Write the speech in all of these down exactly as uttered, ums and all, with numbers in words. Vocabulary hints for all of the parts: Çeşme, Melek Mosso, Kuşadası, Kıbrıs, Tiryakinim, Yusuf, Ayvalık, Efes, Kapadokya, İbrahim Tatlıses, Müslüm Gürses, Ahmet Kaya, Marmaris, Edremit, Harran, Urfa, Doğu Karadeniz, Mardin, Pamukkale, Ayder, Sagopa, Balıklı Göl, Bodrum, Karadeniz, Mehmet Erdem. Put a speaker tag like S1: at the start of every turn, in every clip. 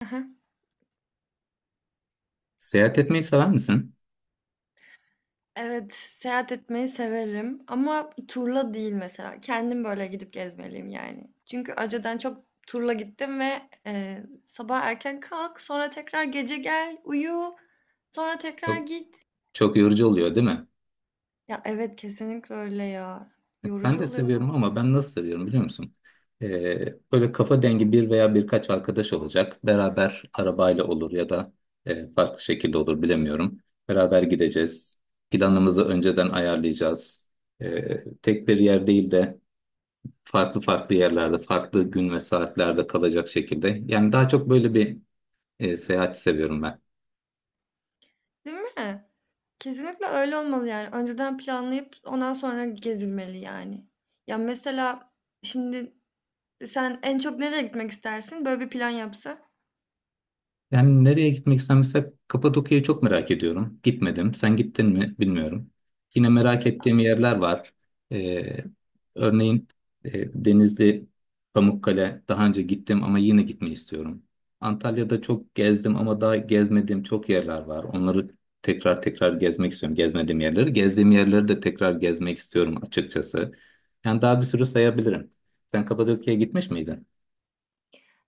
S1: Heh,
S2: Seyahat etmeyi sever misin?
S1: Evet, seyahat etmeyi severim ama turla değil mesela. Kendim böyle gidip gezmeliyim yani. Çünkü önceden çok turla gittim ve e, sabah erken kalk, sonra tekrar gece gel, uyu, sonra tekrar
S2: Çok,
S1: git.
S2: çok yorucu oluyor değil mi?
S1: Ya evet kesinlikle öyle ya.
S2: Ben
S1: Yorucu
S2: de
S1: oluyor,
S2: seviyorum ama ben nasıl seviyorum biliyor musun? Ee, böyle kafa dengi bir veya birkaç arkadaş olacak. Beraber arabayla olur ya da e, farklı şekilde olur bilemiyorum. Beraber gideceğiz. Planımızı önceden ayarlayacağız. Ee, tek bir yer değil de farklı farklı yerlerde, farklı gün ve saatlerde kalacak şekilde. Yani daha çok böyle bir e, seyahati seviyorum ben.
S1: değil mi? Kesinlikle öyle olmalı yani. Önceden planlayıp ondan sonra gezilmeli yani. Ya mesela şimdi sen en çok nereye gitmek istersin? Böyle bir plan yapsa.
S2: Yani nereye gitmek istersen mesela Kapadokya'yı çok merak ediyorum. Gitmedim. Sen gittin mi bilmiyorum. Yine merak ettiğim yerler var. Ee, Örneğin e, Denizli, Pamukkale daha önce gittim ama yine gitmeyi istiyorum. Antalya'da çok gezdim ama daha gezmediğim çok yerler var. Onları tekrar tekrar gezmek istiyorum. Gezmediğim yerleri. Gezdiğim yerleri de tekrar gezmek istiyorum açıkçası. Yani daha bir sürü sayabilirim. Sen Kapadokya'ya gitmiş miydin?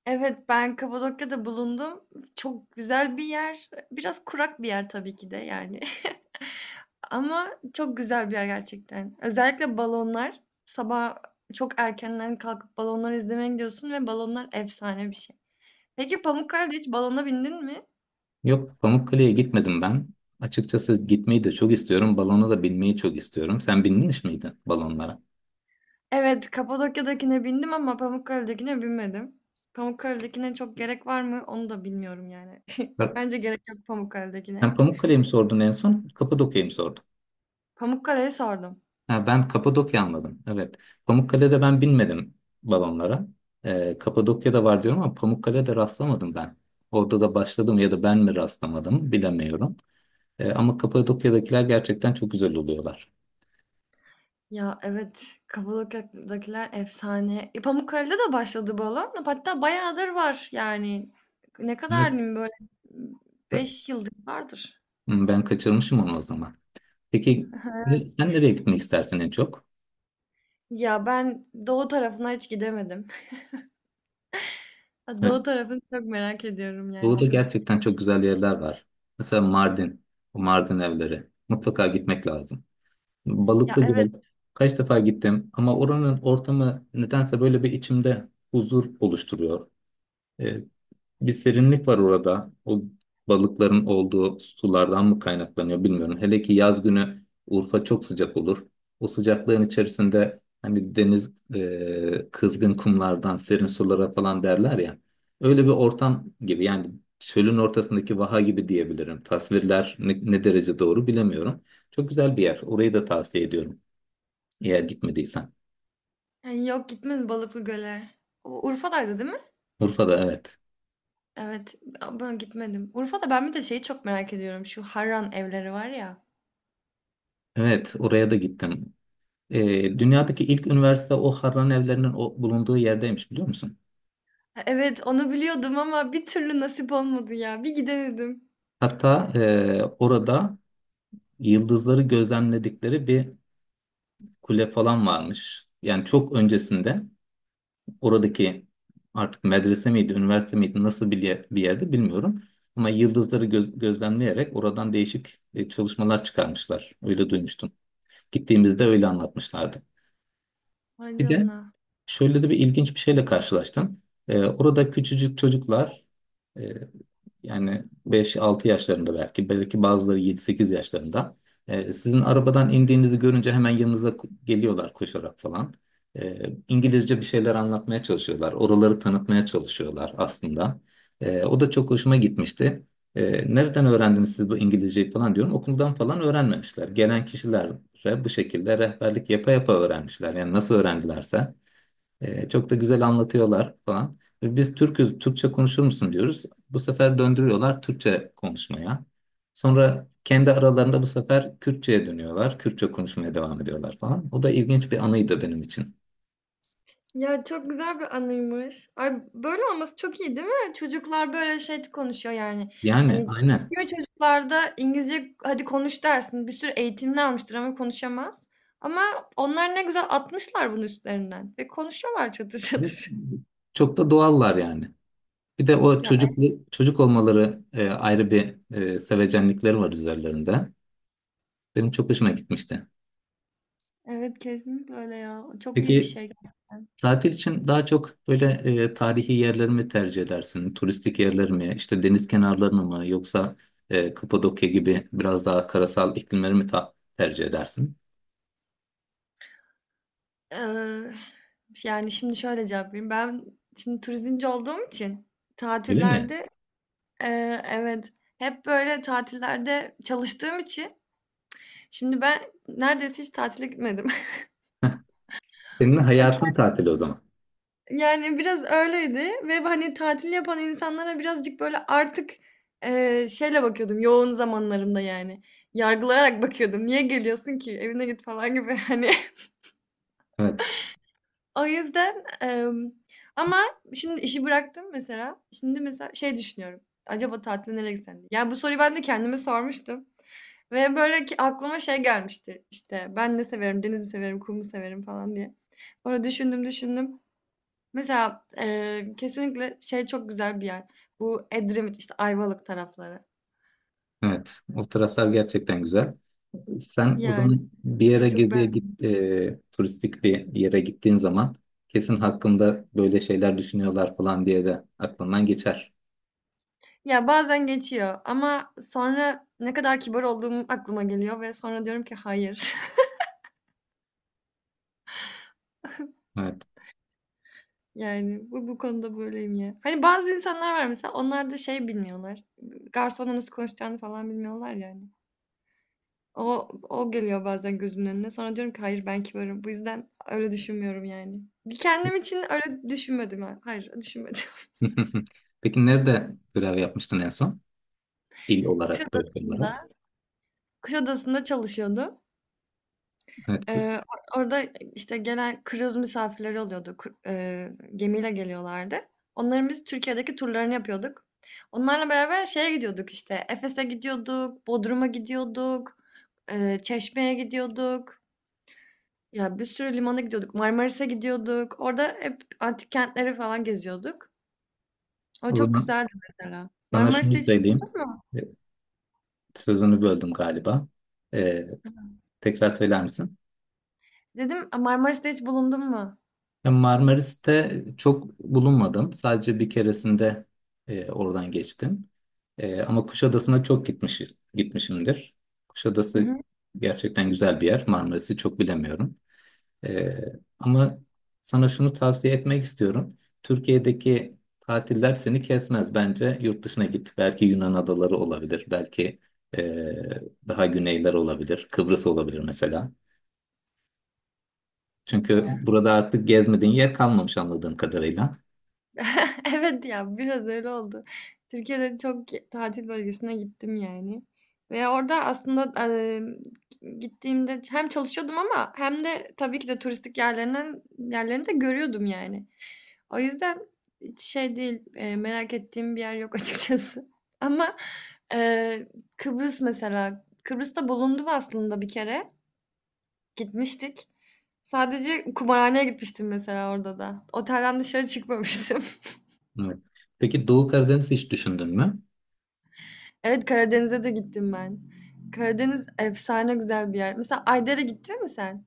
S1: Evet, ben Kapadokya'da bulundum. Çok güzel bir yer. Biraz kurak bir yer tabii ki de yani. Ama çok güzel bir yer gerçekten. Özellikle balonlar. Sabah çok erkenden kalkıp balonları izlemeye gidiyorsun ve balonlar efsane bir şey. Peki Pamukkale'de hiç balona bindin mi?
S2: Yok, Pamukkale'ye gitmedim ben. Açıkçası gitmeyi de çok istiyorum. Balona da binmeyi çok istiyorum. Sen binmiş miydin balonlara?
S1: Evet, Kapadokya'dakine bindim ama Pamukkale'dekine binmedim. Pamukkale'dekine çok gerek var mı? Onu da bilmiyorum yani.
S2: Bak,
S1: Bence gerek yok
S2: sen
S1: Pamukkale'dekine.
S2: Pamukkale'yi mi sordun en son? Kapadokya'yı mı sordun?
S1: Pamukkale'ye sordum.
S2: Ha, ben Kapadokya anladım. Evet. Pamukkale'de ben binmedim balonlara. Ee, Kapadokya'da var diyorum ama Pamukkale'de rastlamadım ben. Orada da başladım ya da ben mi rastlamadım bilemiyorum. Ee, ama Kapadokya'dakiler gerçekten çok güzel oluyorlar.
S1: Ya evet, Kapadokya'dakiler efsane. E, Pamukkale'de de başladı bu alan. Hatta bayağıdır var yani. Ne
S2: Evet.
S1: kadar diyeyim böyle beş yıldır vardır.
S2: Ben kaçırmışım onu o zaman. Peki sen nereye gitmek istersin en çok?
S1: Ya ben doğu tarafına hiç gidemedim.
S2: Ee,
S1: Doğu tarafını çok merak ediyorum yani
S2: Doğu'da
S1: şu.
S2: gerçekten çok güzel yerler var. Mesela Mardin, o Mardin evleri. Mutlaka gitmek lazım.
S1: Ya
S2: Balıklı Göl,
S1: evet.
S2: kaç defa gittim ama oranın ortamı nedense böyle bir içimde huzur oluşturuyor. Ee, Bir serinlik var orada. O balıkların olduğu sulardan mı kaynaklanıyor bilmiyorum. Hele ki yaz günü Urfa çok sıcak olur. O sıcaklığın içerisinde hani deniz e, kızgın kumlardan serin sulara falan derler ya. Öyle bir ortam gibi yani çölün ortasındaki vaha gibi diyebilirim. Tasvirler ne, ne derece doğru bilemiyorum. Çok güzel bir yer. Orayı da tavsiye ediyorum. Eğer gitmediysen.
S1: Yani yok gitmedim Balıklı Göl'e. O Urfa'daydı değil mi?
S2: Urfa'da, evet.
S1: Evet. a- Ben gitmedim. Urfa'da ben bir de şeyi çok merak ediyorum. Şu Harran evleri var ya.
S2: Evet, oraya da gittim. E, dünyadaki ilk üniversite o Harran evlerinin o, bulunduğu yerdeymiş biliyor musun?
S1: Evet onu biliyordum ama bir türlü nasip olmadı ya. Bir gidemedim.
S2: Hatta e, orada yıldızları gözlemledikleri bir kule falan varmış. Yani çok öncesinde oradaki artık medrese miydi, üniversite miydi, nasıl bir, yer- bir yerde bilmiyorum. Ama yıldızları göz- gözlemleyerek oradan değişik e, çalışmalar çıkarmışlar. Öyle duymuştum. Gittiğimizde öyle anlatmışlardı.
S1: Vay
S2: Bir de
S1: canına.
S2: şöyle de bir ilginç bir şeyle karşılaştım. Ee, orada küçücük çocuklar e, yani beş altı yaşlarında belki belki bazıları yedi sekiz yaşlarında, e, sizin arabadan indiğinizi görünce hemen yanınıza ku- geliyorlar koşarak falan. E, İngilizce bir şeyler anlatmaya çalışıyorlar. Oraları tanıtmaya çalışıyorlar aslında. E, o da çok hoşuma gitmişti. E, nereden öğrendiniz siz bu İngilizceyi falan diyorum. Okuldan falan öğrenmemişler. Gelen kişilere bu şekilde rehberlik yapa yapa öğrenmişler. Yani nasıl öğrendilerse. E, çok da güzel anlatıyorlar falan. Ve biz Türk'üz, Türkçe konuşur musun diyoruz. Bu sefer döndürüyorlar Türkçe konuşmaya. Sonra kendi aralarında bu sefer Kürtçe'ye dönüyorlar. Kürtçe konuşmaya devam ediyorlar falan. O da ilginç bir anıydı benim için.
S1: Ya çok güzel bir anıymış. Ay böyle olması çok iyi değil mi? Çocuklar böyle şey konuşuyor yani.
S2: Yani
S1: Hani
S2: aynen.
S1: kimi çocuklarda İngilizce hadi konuş dersin. Bir sürü eğitimini almıştır ama konuşamaz. Ama onlar ne güzel atmışlar bunun üstlerinden. Ve konuşuyorlar çatır
S2: Ve
S1: çatır.
S2: Çok da doğallar yani. Bir de o
S1: Ya
S2: çocuk çocuk olmaları, e, ayrı bir e, sevecenlikleri var üzerlerinde. Benim çok hoşuma gitmişti.
S1: evet kesinlikle öyle ya. Çok iyi bir
S2: Peki,
S1: şey.
S2: tatil için daha çok böyle e, tarihi yerleri mi tercih edersin? Turistik yerleri mi? İşte deniz kenarlarını mı? Yoksa e, Kapadokya gibi biraz daha karasal iklimleri mi ta- tercih edersin?
S1: Ee, yani şimdi şöyle cevap vereyim. Ben şimdi turizmci olduğum için
S2: Öyle mi?
S1: tatillerde e, evet hep böyle tatillerde çalıştığım için şimdi ben neredeyse hiç tatile gitmedim.
S2: Heh, senin hayatın tatil o
S1: Kendim-
S2: zaman.
S1: Yani biraz öyleydi ve hani tatil yapan insanlara birazcık böyle artık eee, şeyle bakıyordum yoğun zamanlarımda yani. Yargılayarak bakıyordum. Niye geliyorsun ki? Evine git falan gibi, hani.
S2: Evet,
S1: O yüzden em, ama şimdi işi bıraktım mesela. Şimdi mesela şey düşünüyorum. Acaba tatile nereye gitsem diye. Yani bu soruyu ben de kendime sormuştum. Ve böyle ki aklıma şey gelmişti işte, ben ne severim, deniz mi severim, kum mu severim falan diye. Sonra düşündüm düşündüm. Mesela eee, kesinlikle şey çok güzel bir yer. Bu Edremit işte, Ayvalık tarafları.
S2: evet. O taraflar gerçekten güzel. Sen o
S1: Yani
S2: zaman bir
S1: ve
S2: yere
S1: çok
S2: geziye
S1: ben.
S2: git, e, turistik bir yere gittiğin zaman kesin hakkında böyle şeyler düşünüyorlar falan diye de aklından geçer.
S1: Ya bazen geçiyor ama sonra ne kadar kibar olduğum aklıma geliyor ve sonra diyorum ki hayır.
S2: Evet.
S1: Yani bu, bu konuda böyleyim ya. Hani bazı insanlar var mesela, onlar da şey bilmiyorlar. Garsonla nasıl konuşacağını falan bilmiyorlar yani. O o geliyor bazen gözümün önüne. Sonra diyorum ki hayır, ben kibarım. Bu yüzden öyle düşünmüyorum yani. Kendim için öyle düşünmedim. ha- Hayır düşünmedim.
S2: Peki nerede görev yapmıştın en son? Dil olarak, bölge olarak.
S1: Kuşadası'nda, Kuşadası'nda çalışıyordum.
S2: Evet.
S1: Ee, or- orada işte genel kruz misafirleri oluyordu. Kur- e, gemiyle geliyorlardı. Onların biz Türkiye'deki turlarını yapıyorduk. Onlarla beraber şeye gidiyorduk işte. Efes'e gidiyorduk, Bodrum'a gidiyorduk, e, Çeşme'ye gidiyorduk. Ya, bir sürü limana gidiyorduk. Marmaris'e gidiyorduk. Orada hep antik kentleri falan geziyorduk. O
S2: O
S1: çok
S2: zaman
S1: güzeldi mesela.
S2: sana şunu
S1: Marmaris'te hiç
S2: söyleyeyim.
S1: bulundun mu?
S2: Evet, sözünü böldüm galiba. Ee, Tekrar söyler misin?
S1: Dedim, "A, Marmaris'te hiç bulundun mu?"
S2: Ya Marmaris'te çok bulunmadım. Sadece bir keresinde e, oradan geçtim. E, ama Kuşadası'na çok gitmiş, gitmişimdir.
S1: Hı
S2: Kuşadası
S1: hı.
S2: gerçekten güzel bir yer. Marmaris'i çok bilemiyorum. Ee, Ama sana şunu tavsiye etmek istiyorum. Türkiye'deki tatiller seni kesmez. Bence yurt dışına git. Belki Yunan adaları olabilir. Belki ee, daha güneyler olabilir. Kıbrıs olabilir mesela. Çünkü burada artık gezmediğin yer kalmamış anladığım kadarıyla.
S1: Evet ya, biraz öyle oldu. Türkiye'de çok tatil bölgesine gittim yani ve orada aslında, emm, gittiğimde hem çalışıyordum ama hem de tabii ki de turistik yerlerinden yerlerini de görüyordum yani. O yüzden hiç şey değil, eee, merak ettiğim bir yer yok, açıkçası. Ama, eee, Kıbrıs mesela, Kıbrıs'ta bulundum aslında bir kere, gitmiştik. Sadece kumarhaneye gitmiştim mesela orada da. Otelden dışarı çıkmamıştım.
S2: Evet. Peki Doğu Karadeniz hiç düşündün mü?
S1: Evet, Karadeniz'e de gittim ben. Karadeniz efsane güzel bir yer. Mesela Ayder'e gittin mi sen?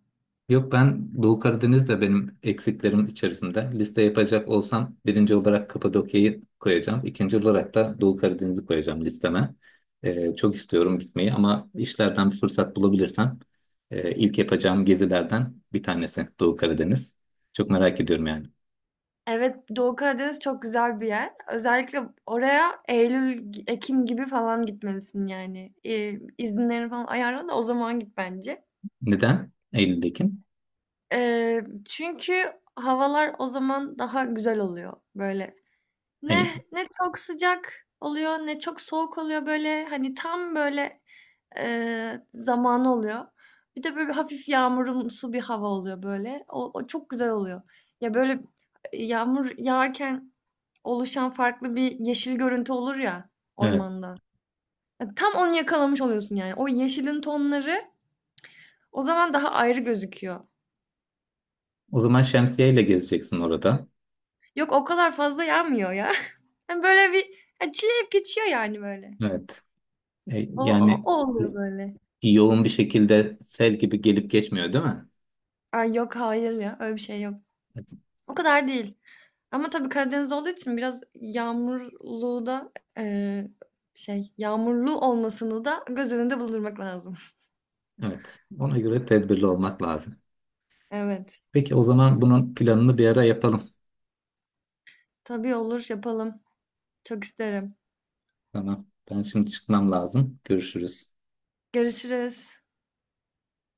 S2: Yok, ben Doğu Karadeniz de benim eksiklerim içerisinde. Liste yapacak olsam birinci olarak Kapadokya'yı koyacağım. İkinci olarak da Doğu Karadeniz'i koyacağım listeme. Ee, çok istiyorum gitmeyi ama işlerden bir fırsat bulabilirsem e, ilk yapacağım gezilerden bir tanesi Doğu Karadeniz. Çok merak ediyorum yani.
S1: Evet, Doğu Karadeniz çok güzel bir yer. Özellikle oraya Eylül, Ekim gibi falan gitmelisin yani. Ee, izinlerini falan ayarla da o zaman git bence.
S2: Neden? Eylül, Ekim.
S1: Ee, çünkü havalar o zaman daha güzel oluyor böyle. Ne
S2: Hayır.
S1: ne çok sıcak oluyor ne çok soğuk oluyor, böyle hani tam böyle Eee, zamanı oluyor. Bir de böyle hafif yağmurumsu bir hava oluyor böyle. O, o çok güzel oluyor. Ya böyle e, yağmur yağarken oluşan farklı bir yeşil görüntü olur ya,
S2: Evet.
S1: ormanda. Ya tam onu yakalamış oluyorsun yani. O yeşilin tonları o zaman daha ayrı gözüküyor.
S2: O zaman şemsiye ile gezeceksin orada.
S1: Yok o kadar fazla yağmıyor ya. Yani böyle bir, ya çileyip geçiyor yani böyle.
S2: Evet. E,
S1: O, o,
S2: yani
S1: o oluyor böyle.
S2: yoğun bir şekilde sel gibi gelip geçmiyor değil mi?
S1: Ay yok, hayır ya, öyle bir şey yok. O kadar değil. Ama tabii Karadeniz olduğu için biraz yağmurlu da, eee, şey, yağmurlu olmasını da göz önünde bulundurmak lazım.
S2: Evet. Ona göre tedbirli olmak lazım.
S1: Evet.
S2: Peki o zaman bunun planını bir ara yapalım.
S1: Tabii olur, yapalım. Çok isterim.
S2: Tamam. Ben şimdi çıkmam lazım. Görüşürüz.
S1: Görüşürüz.